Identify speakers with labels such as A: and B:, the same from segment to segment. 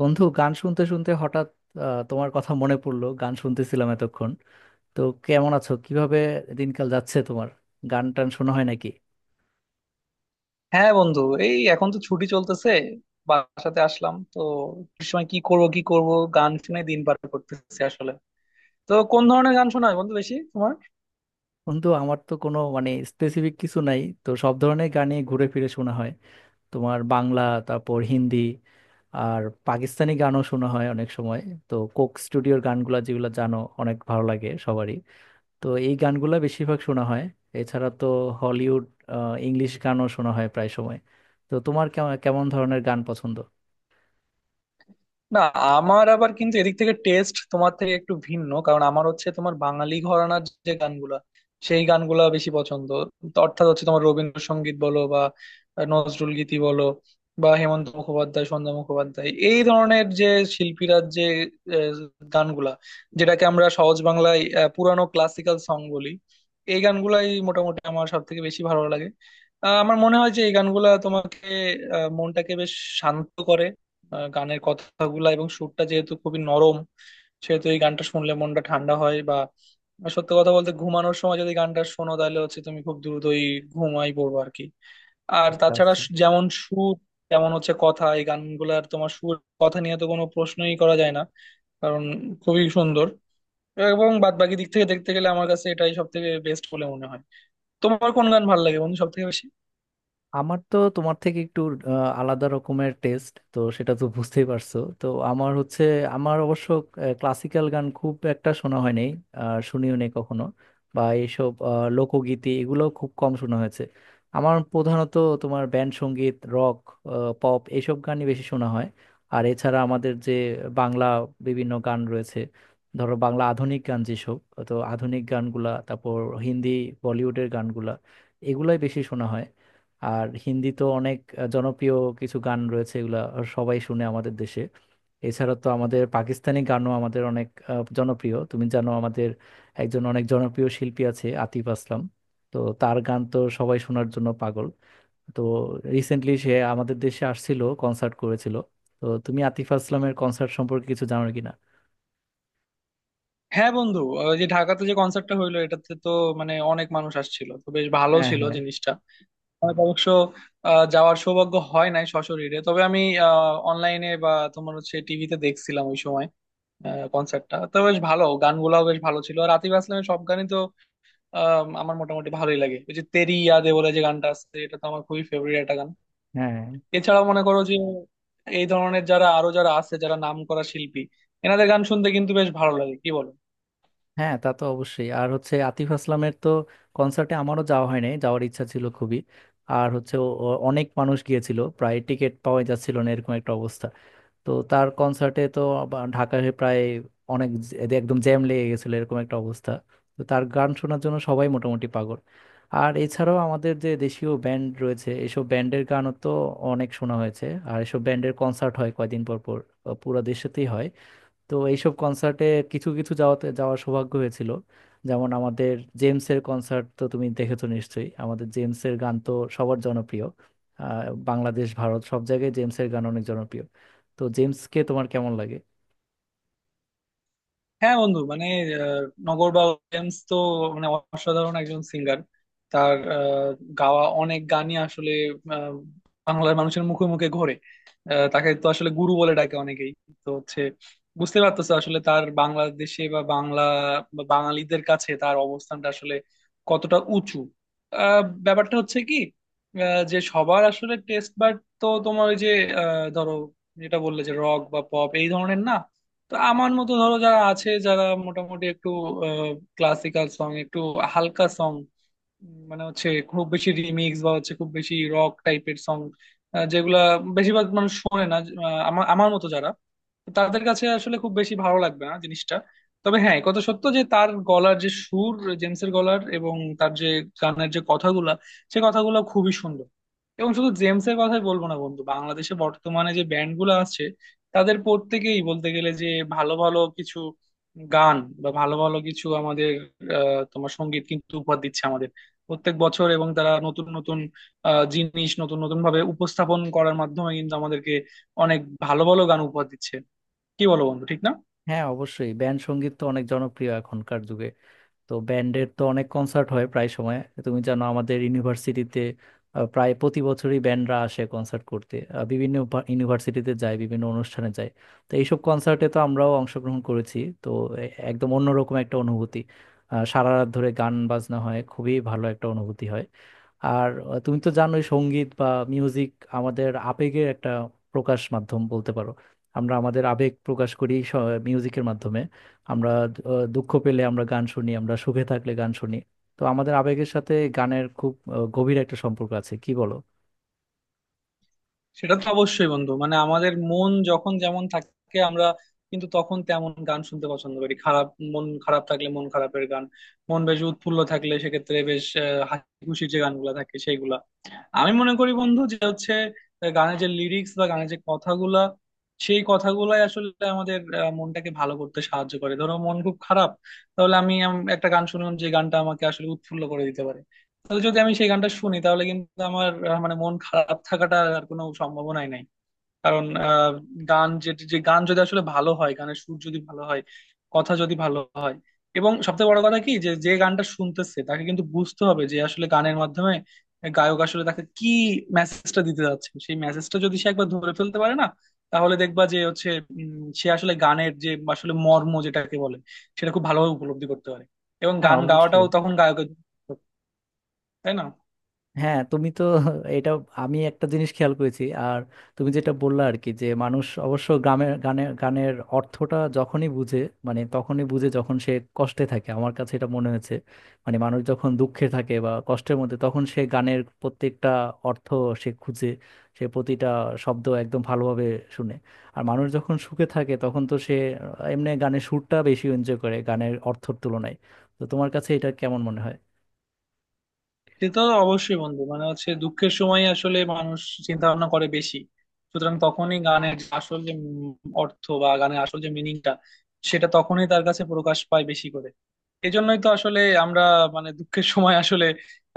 A: বন্ধু গান শুনতে শুনতে হঠাৎ তোমার কথা মনে পড়লো। গান শুনতেছিলাম এতক্ষণ। তো কেমন আছো? কিভাবে দিনকাল যাচ্ছে তোমার? গান টান শোনা হয় নাকি?
B: হ্যাঁ বন্ধু। এখন তো ছুটি চলতেছে। বাসাতে আসলাম তো, ছুটির সময় কি করব কি করব, গান শুনে দিন পার করতেছি আসলে। তো কোন ধরনের গান শোনা হয় বন্ধু বেশি তোমার?
A: বন্ধু আমার তো কোনো মানে স্পেসিফিক কিছু নাই তো, সব ধরনের গানই ঘুরে ফিরে শোনা হয়। তোমার বাংলা, তারপর হিন্দি, আর পাকিস্তানি গানও শোনা হয় অনেক সময়। তো কোক স্টুডিওর গানগুলা, যেগুলো জানো অনেক ভালো লাগে সবারই, তো এই গানগুলা বেশিরভাগ শোনা হয়। এছাড়া তো হলিউড, ইংলিশ গানও শোনা হয় প্রায় সময়। তো তোমার কেমন কেমন ধরনের গান পছন্দ?
B: না, আমার আবার কিন্তু এদিক থেকে টেস্ট তোমার থেকে একটু ভিন্ন, কারণ আমার হচ্ছে তোমার বাঙালি ঘরানার যে গানগুলা, সেই গানগুলা বেশি পছন্দ। তো অর্থাৎ হচ্ছে তোমার রবীন্দ্রসঙ্গীত বলো বা নজরুল গীতি বলো, বা হেমন্ত মুখোপাধ্যায়, সন্ধ্যা মুখোপাধ্যায়, এই ধরনের যে শিল্পীরা, যে আহ, গানগুলা, যেটাকে আমরা সহজ বাংলায় পুরানো ক্লাসিক্যাল সং বলি, এই গানগুলাই মোটামুটি আমার সব থেকে বেশি ভালো লাগে। আমার মনে হয় যে এই গানগুলা তোমাকে, মনটাকে বেশ শান্ত করে। গানের কথাগুলা এবং সুরটা যেহেতু খুবই নরম, সেহেতু এই গানটা শুনলে মনটা ঠান্ডা হয়। বা সত্য কথা বলতে, ঘুমানোর সময় যদি গানটা শোনো, তাহলে হচ্ছে তুমি খুব দ্রুতই ঘুমাই পড়বো আর কি। আর
A: আচ্ছা,
B: তাছাড়া
A: আচ্ছা।
B: যেমন সুর, তেমন হচ্ছে কথা। এই গানগুলার তোমার সুর, কথা নিয়ে তো কোনো প্রশ্নই করা যায় না, কারণ খুবই সুন্দর। এবং বাদ বাকি দিক থেকে দেখতে গেলে আমার কাছে এটাই সব থেকে বেস্ট বলে মনে হয়। তোমার কোন গান ভালো লাগে বন্ধু সব থেকে বেশি?
A: আমার তো তোমার থেকে একটু আলাদা রকমের টেস্ট, তো সেটা তো বুঝতেই পারছো তো। আমার হচ্ছে, আমার অবশ্য ক্লাসিক্যাল গান খুব একটা শোনা হয় নাই, আর শুনিও নেই কখনো। বা এইসব লোকগীতি এগুলো খুব কম শোনা হয়েছে। আমার প্রধানত তোমার ব্যান্ড সঙ্গীত, রক, পপ, এইসব গানই বেশি শোনা হয়। আর এছাড়া আমাদের যে বাংলা বিভিন্ন গান রয়েছে, ধরো বাংলা আধুনিক গান যেসব, তো আধুনিক গানগুলা, তারপর হিন্দি বলিউডের গানগুলা, এগুলাই বেশি শোনা হয়। আর হিন্দি তো অনেক জনপ্রিয় কিছু গান রয়েছে, এগুলা সবাই শুনে আমাদের দেশে। এছাড়া তো আমাদের পাকিস্তানি গানও আমাদের অনেক জনপ্রিয়। তুমি জানো আমাদের একজন অনেক জনপ্রিয় শিল্পী আছে আতিফ আসলাম। তো তার গান তো সবাই শোনার জন্য পাগল। তো রিসেন্টলি সে আমাদের দেশে আসছিল, কনসার্ট করেছিল। তো তুমি আতিফ আসলামের কনসার্ট সম্পর্কে কিছু জানো কিনা?
B: হ্যাঁ বন্ধু, ওই যে ঢাকাতে যে কনসার্টটা হইলো, এটাতে তো মানে অনেক মানুষ আসছিল, তো বেশ ভালো
A: হ্যাঁ,
B: ছিল
A: হ্যাঁ,
B: জিনিসটা। আমার অবশ্য যাওয়ার সৌভাগ্য হয় নাই সশরীরে, তবে আমি অনলাইনে বা তোমার হচ্ছে টিভিতে দেখছিলাম ওই সময়। কনসার্টটা তো বেশ ভালো, গানগুলাও বেশ ভালো ছিল। আর আতিফ আসলামের সব গানই তো আমার মোটামুটি ভালোই লাগে। ওই যে তেরি ইয়াদে বলে যে গানটা আছে, এটা তো আমার খুবই ফেভারিট একটা গান।
A: হ্যাঁ।
B: এছাড়াও মনে করো যে এই ধরনের যারা আরো যারা আছে, যারা নাম করা শিল্পী, এনাদের গান শুনতে কিন্তু বেশ ভালো লাগে, কি বলো?
A: হ্যাঁ, তা তো অবশ্যই। আর হচ্ছে আতিফ আসলামের তো কনসার্টে আমারও যাওয়া হয় নাই, যাওয়ার ইচ্ছা ছিল খুবই। আর হচ্ছে ও অনেক মানুষ গিয়েছিল, প্রায় টিকিট পাওয়া যাচ্ছিল না এরকম একটা অবস্থা। তো তার কনসার্টে তো আবার ঢাকায় প্রায় অনেক এদের একদম জ্যাম লেগে গেছিল এরকম একটা অবস্থা। তো তার গান শোনার জন্য সবাই মোটামুটি পাগল। আর এছাড়াও আমাদের যে দেশীয় ব্যান্ড রয়েছে, এসব ব্যান্ডের গানও তো অনেক শোনা হয়েছে। আর এসব ব্যান্ডের কনসার্ট হয় কয়দিন পর পর, পুরো দেশেতেই হয়। তো এইসব কনসার্টে কিছু কিছু যাওয়াতে, যাওয়ার সৌভাগ্য হয়েছিল। যেমন আমাদের জেমসের কনসার্ট তো তুমি দেখেছো নিশ্চয়ই। আমাদের জেমসের গান তো সবার জনপ্রিয়। আহ, বাংলাদেশ, ভারত, সব জায়গায় জেমসের গান অনেক জনপ্রিয়। তো জেমসকে তোমার কেমন লাগে?
B: হ্যাঁ বন্ধু, মানে আহ, নগরবা উইলিয়ামস তো মানে অসাধারণ একজন সিঙ্গার। তার গাওয়া অনেক গানই আসলে আহ, বাংলার মানুষের মুখে মুখে ঘোরে। তাকে তো আসলে গুরু বলে ডাকে অনেকেই। তো হচ্ছে বুঝতে পারতেছে আসলে তার বাংলাদেশে বা বাংলা বা বাঙালিদের কাছে তার অবস্থানটা আসলে কতটা উঁচু। আহ, ব্যাপারটা হচ্ছে কি, যে সবার আসলে টেস্ট বাট, তো তোমার ওই যে ধরো, যেটা বললে যে রক বা পপ এই ধরনের না, তো আমার মতো ধরো যারা আছে, যারা মোটামুটি একটু ক্লাসিক্যাল সং, একটু হালকা সং, মানে হচ্ছে খুব বেশি রিমিক্স বা হচ্ছে খুব বেশি রক টাইপের সং যেগুলা বেশিরভাগ মানুষ শোনে না, আহ, আমার আমার মতো যারা, তো তাদের কাছে আসলে খুব বেশি ভালো লাগবে না জিনিসটা। তবে হ্যাঁ, এ কথা সত্য যে তার গলার যে সুর, জেমসের গলার, এবং তার যে গানের যে কথাগুলা, সে কথাগুলো খুবই সুন্দর। এবং শুধু জেমসের কথাই বলবো না বন্ধু, বাংলাদেশে বর্তমানে যে ব্যান্ড গুলো আছে, তাদের প্রত্যেকেই বলতে গেলে যে ভালো ভালো কিছু গান বা ভালো ভালো কিছু আমাদের তোমার সঙ্গীত কিন্তু উপহার দিচ্ছে আমাদের প্রত্যেক বছর। এবং তারা নতুন নতুন জিনিস নতুন নতুন ভাবে উপস্থাপন করার মাধ্যমে কিন্তু আমাদেরকে অনেক ভালো ভালো গান উপহার দিচ্ছে, কি বলো বন্ধু ঠিক না?
A: হ্যাঁ, অবশ্যই ব্যান্ড সঙ্গীত তো অনেক জনপ্রিয় এখনকার যুগে। তো ব্যান্ডের তো অনেক কনসার্ট হয় প্রায় সময়। তুমি জানো আমাদের ইউনিভার্সিটিতে প্রায় প্রতি বছরই ব্যান্ডরা আসে কনসার্ট করতে। বিভিন্ন ইউনিভার্সিটিতে যায়, বিভিন্ন অনুষ্ঠানে যায়। তো এইসব কনসার্টে তো আমরাও অংশগ্রহণ করেছি তো। একদম অন্যরকম একটা অনুভূতি। সারা রাত ধরে গান বাজনা হয়, খুবই ভালো একটা অনুভূতি হয়। আর তুমি তো জানোই সঙ্গীত বা মিউজিক আমাদের আবেগের একটা প্রকাশ মাধ্যম বলতে পারো। আমরা আমাদের আবেগ প্রকাশ করি মিউজিকের মাধ্যমে। আমরা দুঃখ পেলে আমরা গান শুনি, আমরা সুখে থাকলে গান শুনি। তো আমাদের আবেগের সাথে গানের খুব গভীর একটা সম্পর্ক আছে, কি বলো?
B: সেটা তো অবশ্যই বন্ধু, মানে আমাদের মন যখন যেমন থাকে, আমরা কিন্তু তখন তেমন গান শুনতে পছন্দ করি। খারাপ, মন খারাপ থাকলে মন খারাপের গান, মন বেশ উৎফুল্ল থাকলে সেক্ষেত্রে বেশ হাসি খুশির যে গানগুলা থাকে সেইগুলা। আমি মনে করি বন্ধু যে হচ্ছে গানের যে লিরিক্স বা গানের যে কথাগুলা, সেই কথাগুলাই আসলে আমাদের মনটাকে ভালো করতে সাহায্য করে। ধরো মন খুব খারাপ, তাহলে আমি একটা গান শুনলাম যে গানটা আমাকে আসলে উৎফুল্ল করে দিতে পারে, তাহলে যদি আমি সেই গানটা শুনি, তাহলে কিন্তু আমার মানে মন খারাপ থাকাটা আর কোনো সম্ভাবনাই নাই। কারণ গান, যে যে গান যদি আসলে ভালো হয়, গানের সুর যদি ভালো হয়, কথা যদি ভালো হয়, এবং সবচেয়ে বড় কথা কি, যে যে গানটা শুনতেছে তাকে কিন্তু বুঝতে হবে যে আসলে গানের মাধ্যমে গায়ক আসলে তাকে কি মেসেজটা দিতে যাচ্ছে। সেই মেসেজটা যদি সে একবার ধরে ফেলতে পারে না, তাহলে দেখবা যে হচ্ছে সে আসলে গানের যে আসলে মর্ম যেটাকে বলে, সেটা খুব ভালোভাবে উপলব্ধি করতে পারে। এবং
A: হ্যাঁ,
B: গান
A: অবশ্যই।
B: গাওয়াটাও তখন গায়কের, তাই না?
A: হ্যাঁ, তুমি তো, এটা, আমি একটা জিনিস খেয়াল করেছি। আর তুমি যেটা বললা আর কি, যে মানুষ অবশ্য গ্রামের গানের গানের অর্থটা যখনই বুঝে, মানে তখনই বুঝে যখন সে কষ্টে থাকে, আমার কাছে এটা মনে হয়েছে। মানে মানুষ যখন দুঃখে থাকে বা কষ্টের মধ্যে তখন সে গানের প্রত্যেকটা অর্থ সে খুঁজে, সে প্রতিটা শব্দ একদম ভালোভাবে শুনে। আর মানুষ যখন সুখে থাকে তখন তো সে এমনি গানের সুরটা বেশি এনজয় করে গানের অর্থের তুলনায়। তো তোমার কাছে এটা কেমন মনে হয়?
B: সে তো অবশ্যই বন্ধু, মানে হচ্ছে দুঃখের সময় আসলে মানুষ চিন্তা ভাবনা করে বেশি। সুতরাং তখনই গানের যে আসল যে অর্থ বা গানের আসল যে মিনিংটা, সেটা তখনই তার কাছে প্রকাশ পায় বেশি করে। এজন্যই তো আসলে আমরা মানে দুঃখের সময় আসলে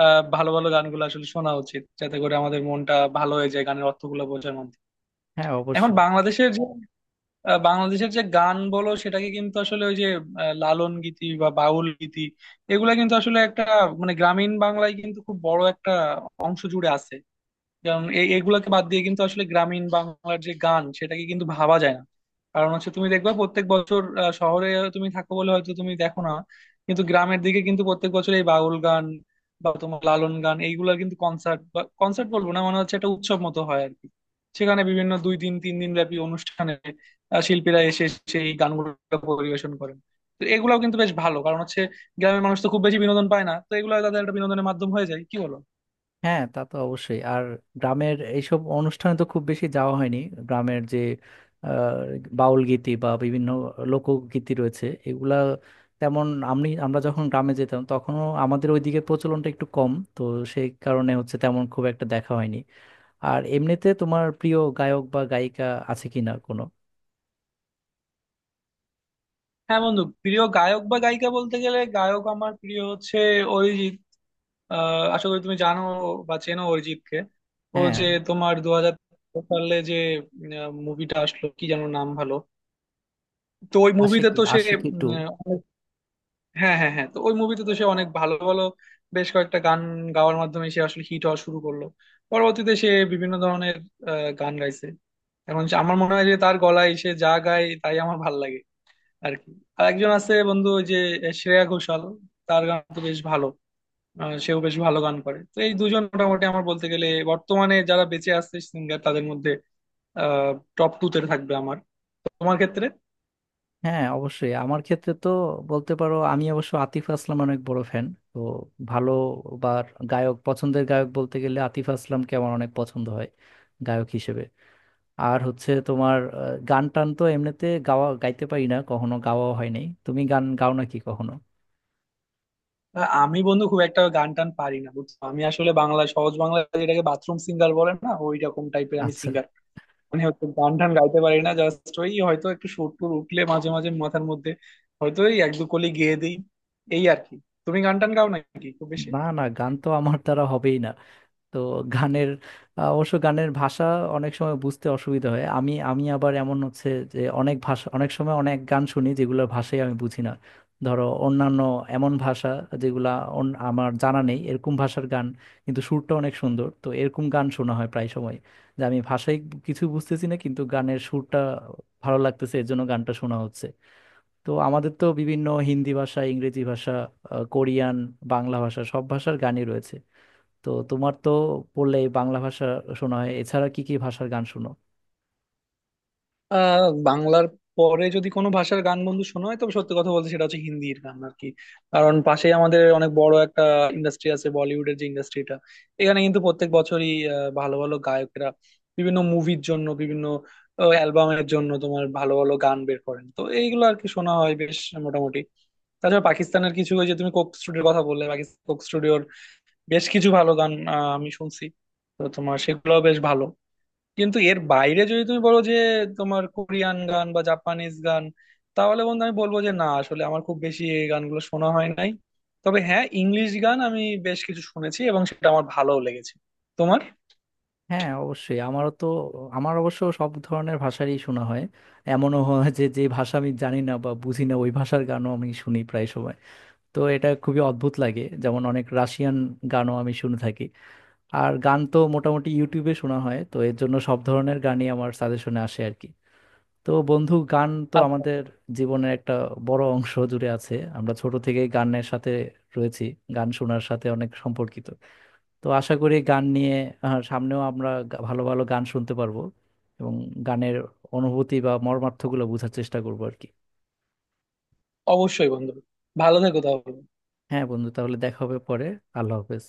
B: আহ ভালো ভালো গানগুলো আসলে শোনা উচিত, যাতে করে আমাদের মনটা ভালো হয়ে যায় গানের অর্থগুলো বোঝার মধ্যে।
A: হ্যাঁ,
B: এখন
A: অবশ্যই।
B: বাংলাদেশের যে আহ বাংলাদেশের যে গান বলো, সেটাকে কিন্তু আসলে ওই যে লালন গীতি বা বাউল গীতি, এগুলা কিন্তু আসলে একটা মানে গ্রামীণ বাংলায় কিন্তু খুব বড় একটা অংশ জুড়ে আছে। কারণ এগুলাকে বাদ দিয়ে কিন্তু আসলে গ্রামীণ বাংলার যে গান, সেটাকে কিন্তু ভাবা যায় না। কারণ হচ্ছে তুমি দেখবা প্রত্যেক বছর শহরে তুমি থাকো বলে হয়তো তুমি দেখো না, কিন্তু গ্রামের দিকে কিন্তু প্রত্যেক বছর এই বাউল গান বা তোমার লালন গান এইগুলার কিন্তু কনসার্ট, বা কনসার্ট বলবো না, মানে হচ্ছে একটা উৎসব মতো হয় আর কি। সেখানে বিভিন্ন দুই দিন তিন দিন ব্যাপী অনুষ্ঠানে শিল্পীরা এসে সেই গানগুলো পরিবেশন করেন। তো এগুলাও কিন্তু বেশ ভালো, কারণ হচ্ছে গ্রামের মানুষ তো খুব বেশি বিনোদন পায় না, তো এগুলো তাদের একটা বিনোদনের মাধ্যম হয়ে যায়, কি বলো?
A: হ্যাঁ, তা তো অবশ্যই। আর গ্রামের এইসব অনুষ্ঠানে তো খুব বেশি যাওয়া হয়নি। গ্রামের যে আহ, বাউল গীতি বা বিভিন্ন লোকগীতি রয়েছে এগুলা তেমন, আমি আমরা যখন গ্রামে যেতাম তখনও আমাদের ওইদিকে প্রচলনটা একটু কম তো, সেই কারণে হচ্ছে তেমন খুব একটা দেখা হয়নি। আর এমনিতে তোমার প্রিয় গায়ক বা গায়িকা আছে কিনা কোনো?
B: হ্যাঁ বন্ধু, প্রিয় গায়ক বা গায়িকা বলতে গেলে, গায়ক আমার প্রিয় হচ্ছে অরিজিৎ। আশা করি তুমি জানো বা চেনো অরিজিৎকে। ও
A: হ্যাঁ।
B: যে তোমার 2000 সালে যে মুভিটা আসলো, কি যেন নাম ভালো, তো ওই মুভিতে
A: আশিকি,
B: তো সে
A: আশিকি টু।
B: উম, অনেক- হ্যাঁ হ্যাঁ হ্যাঁ, তো ওই মুভিতে তো সে অনেক ভালো ভালো বেশ কয়েকটা গান গাওয়ার মাধ্যমে সে আসলে হিট হওয়া শুরু করলো। পরবর্তীতে সে বিভিন্ন ধরনের গান গাইছে। আমার মনে হয় যে তার গলায় সে যা গায় তাই আমার ভাল লাগে আর কি। আর একজন আছে বন্ধু ওই যে শ্রেয়া ঘোষাল, তার গান তো বেশ ভালো। সেও বেশ ভালো গান করে। তো এই দুজন মোটামুটি আমার বলতে গেলে বর্তমানে যারা বেঁচে আছে সিঙ্গার তাদের মধ্যে টপ টু তে থাকবে আমার। তোমার ক্ষেত্রে?
A: হ্যাঁ, অবশ্যই। আমার ক্ষেত্রে তো বলতে পারো আমি অবশ্য আতিফ আসলাম অনেক বড় ফ্যান। তো ভালো বা গায়ক, পছন্দের গায়ক বলতে গেলে আতিফ আসলামকে আমার অনেক পছন্দ হয় গায়ক হিসেবে। আর হচ্ছে তোমার গান টান তো এমনিতে গাওয়া, গাইতে পারি না, কখনো গাওয়া হয় নাই। তুমি গান গাও নাকি কখনো?
B: আমি বন্ধু খুব একটা গান টান পারি না বুঝছো। আমি আসলে বাংলা, সহজ বাংলা যেটাকে বাথরুম সিঙ্গার বলে না, ওই রকম টাইপের আমি
A: আচ্ছা।
B: সিঙ্গার। মানে হচ্ছে গান টান গাইতে পারি না, জাস্ট ওই হয়তো একটু সুর টুর উঠলে মাঝে মাঝে মাথার মধ্যে, হয়তো এক দু কলি গেয়ে দিই এই আর কি। তুমি গান টান গাও নাকি খুব বেশি?
A: না, না, গান তো আমার দ্বারা হবেই না। তো গানের অবশ্য গানের ভাষা অনেক সময় বুঝতে অসুবিধা হয়। আমি আমি আবার এমন হচ্ছে যে অনেক ভাষা, অনেক সময় অনেক গান শুনি যেগুলোর ভাষাই আমি বুঝি না। ধরো অন্যান্য এমন ভাষা যেগুলা আমার জানা নেই এরকম ভাষার গান, কিন্তু সুরটা অনেক সুন্দর, তো এরকম গান শোনা হয় প্রায় সময়। যে আমি ভাষাই কিছু বুঝতেছি না কিন্তু গানের সুরটা ভালো লাগতেছে, এর জন্য গানটা শোনা হচ্ছে। তো আমাদের তো বিভিন্ন হিন্দি ভাষা, ইংরেজি ভাষা, কোরিয়ান, বাংলা ভাষা, সব ভাষার গানই রয়েছে। তো তোমার তো পড়লে এই বাংলা ভাষা শোনা হয়, এছাড়া কি কি ভাষার গান শোনো?
B: আহ, বাংলার পরে যদি কোনো ভাষার গান বন্ধু শোনা হয়, তবে সত্যি কথা বলতে সেটা হচ্ছে হিন্দির গান আর কি। কারণ পাশেই আমাদের অনেক বড় একটা ইন্ডাস্ট্রি আছে বলিউডের, যে ইন্ডাস্ট্রিটা এখানে কিন্তু প্রত্যেক বছরই ভালো ভালো গায়কেরা বিভিন্ন মুভির জন্য, বিভিন্ন অ্যালবামের জন্য তোমার ভালো ভালো গান বের করেন। তো এইগুলো আর কি শোনা হয় বেশ মোটামুটি। তাছাড়া পাকিস্তানের কিছু, ওই যে তুমি কোক স্টুডিওর কথা বললে, পাকিস্তান কোক স্টুডিওর বেশ কিছু ভালো গান আমি শুনছি, তো তোমার সেগুলো বেশ ভালো। কিন্তু এর বাইরে যদি তুমি বলো যে তোমার কোরিয়ান গান বা জাপানিজ গান, তাহলে বন্ধু আমি বলবো যে না, আসলে আমার খুব বেশি এই গানগুলো শোনা হয় নাই। তবে হ্যাঁ, ইংলিশ গান আমি বেশ কিছু শুনেছি এবং সেটা আমার ভালোও লেগেছে। তোমার?
A: হ্যাঁ, অবশ্যই। আমারও তো, আমার অবশ্য সব ধরনের ভাষারই শোনা হয়। এমনও হয় যে যে ভাষা আমি জানি না বা বুঝি না, ওই ভাষার গানও আমি শুনি প্রায় সময়। তো এটা খুবই অদ্ভুত লাগে। যেমন অনেক রাশিয়ান গানও আমি শুনে থাকি। আর গান তো মোটামুটি ইউটিউবে শোনা হয়, তো এর জন্য সব ধরনের গানই আমার সাজেশনে আসে আর কি। তো বন্ধু গান তো
B: আচ্ছা।
A: আমাদের জীবনের একটা বড় অংশ জুড়ে আছে। আমরা ছোট থেকে গানের সাথে রয়েছি, গান শোনার সাথে অনেক সম্পর্কিত। তো আশা করি গান নিয়ে সামনেও আমরা ভালো ভালো গান শুনতে পারবো, এবং গানের অনুভূতি বা মর্মার্থগুলো বোঝার চেষ্টা করবো আর কি।
B: অবশ্যই বন্ধু। ভালো থেকো তাহলে।
A: হ্যাঁ বন্ধু, তাহলে দেখা হবে পরে। আল্লাহ হাফেজ।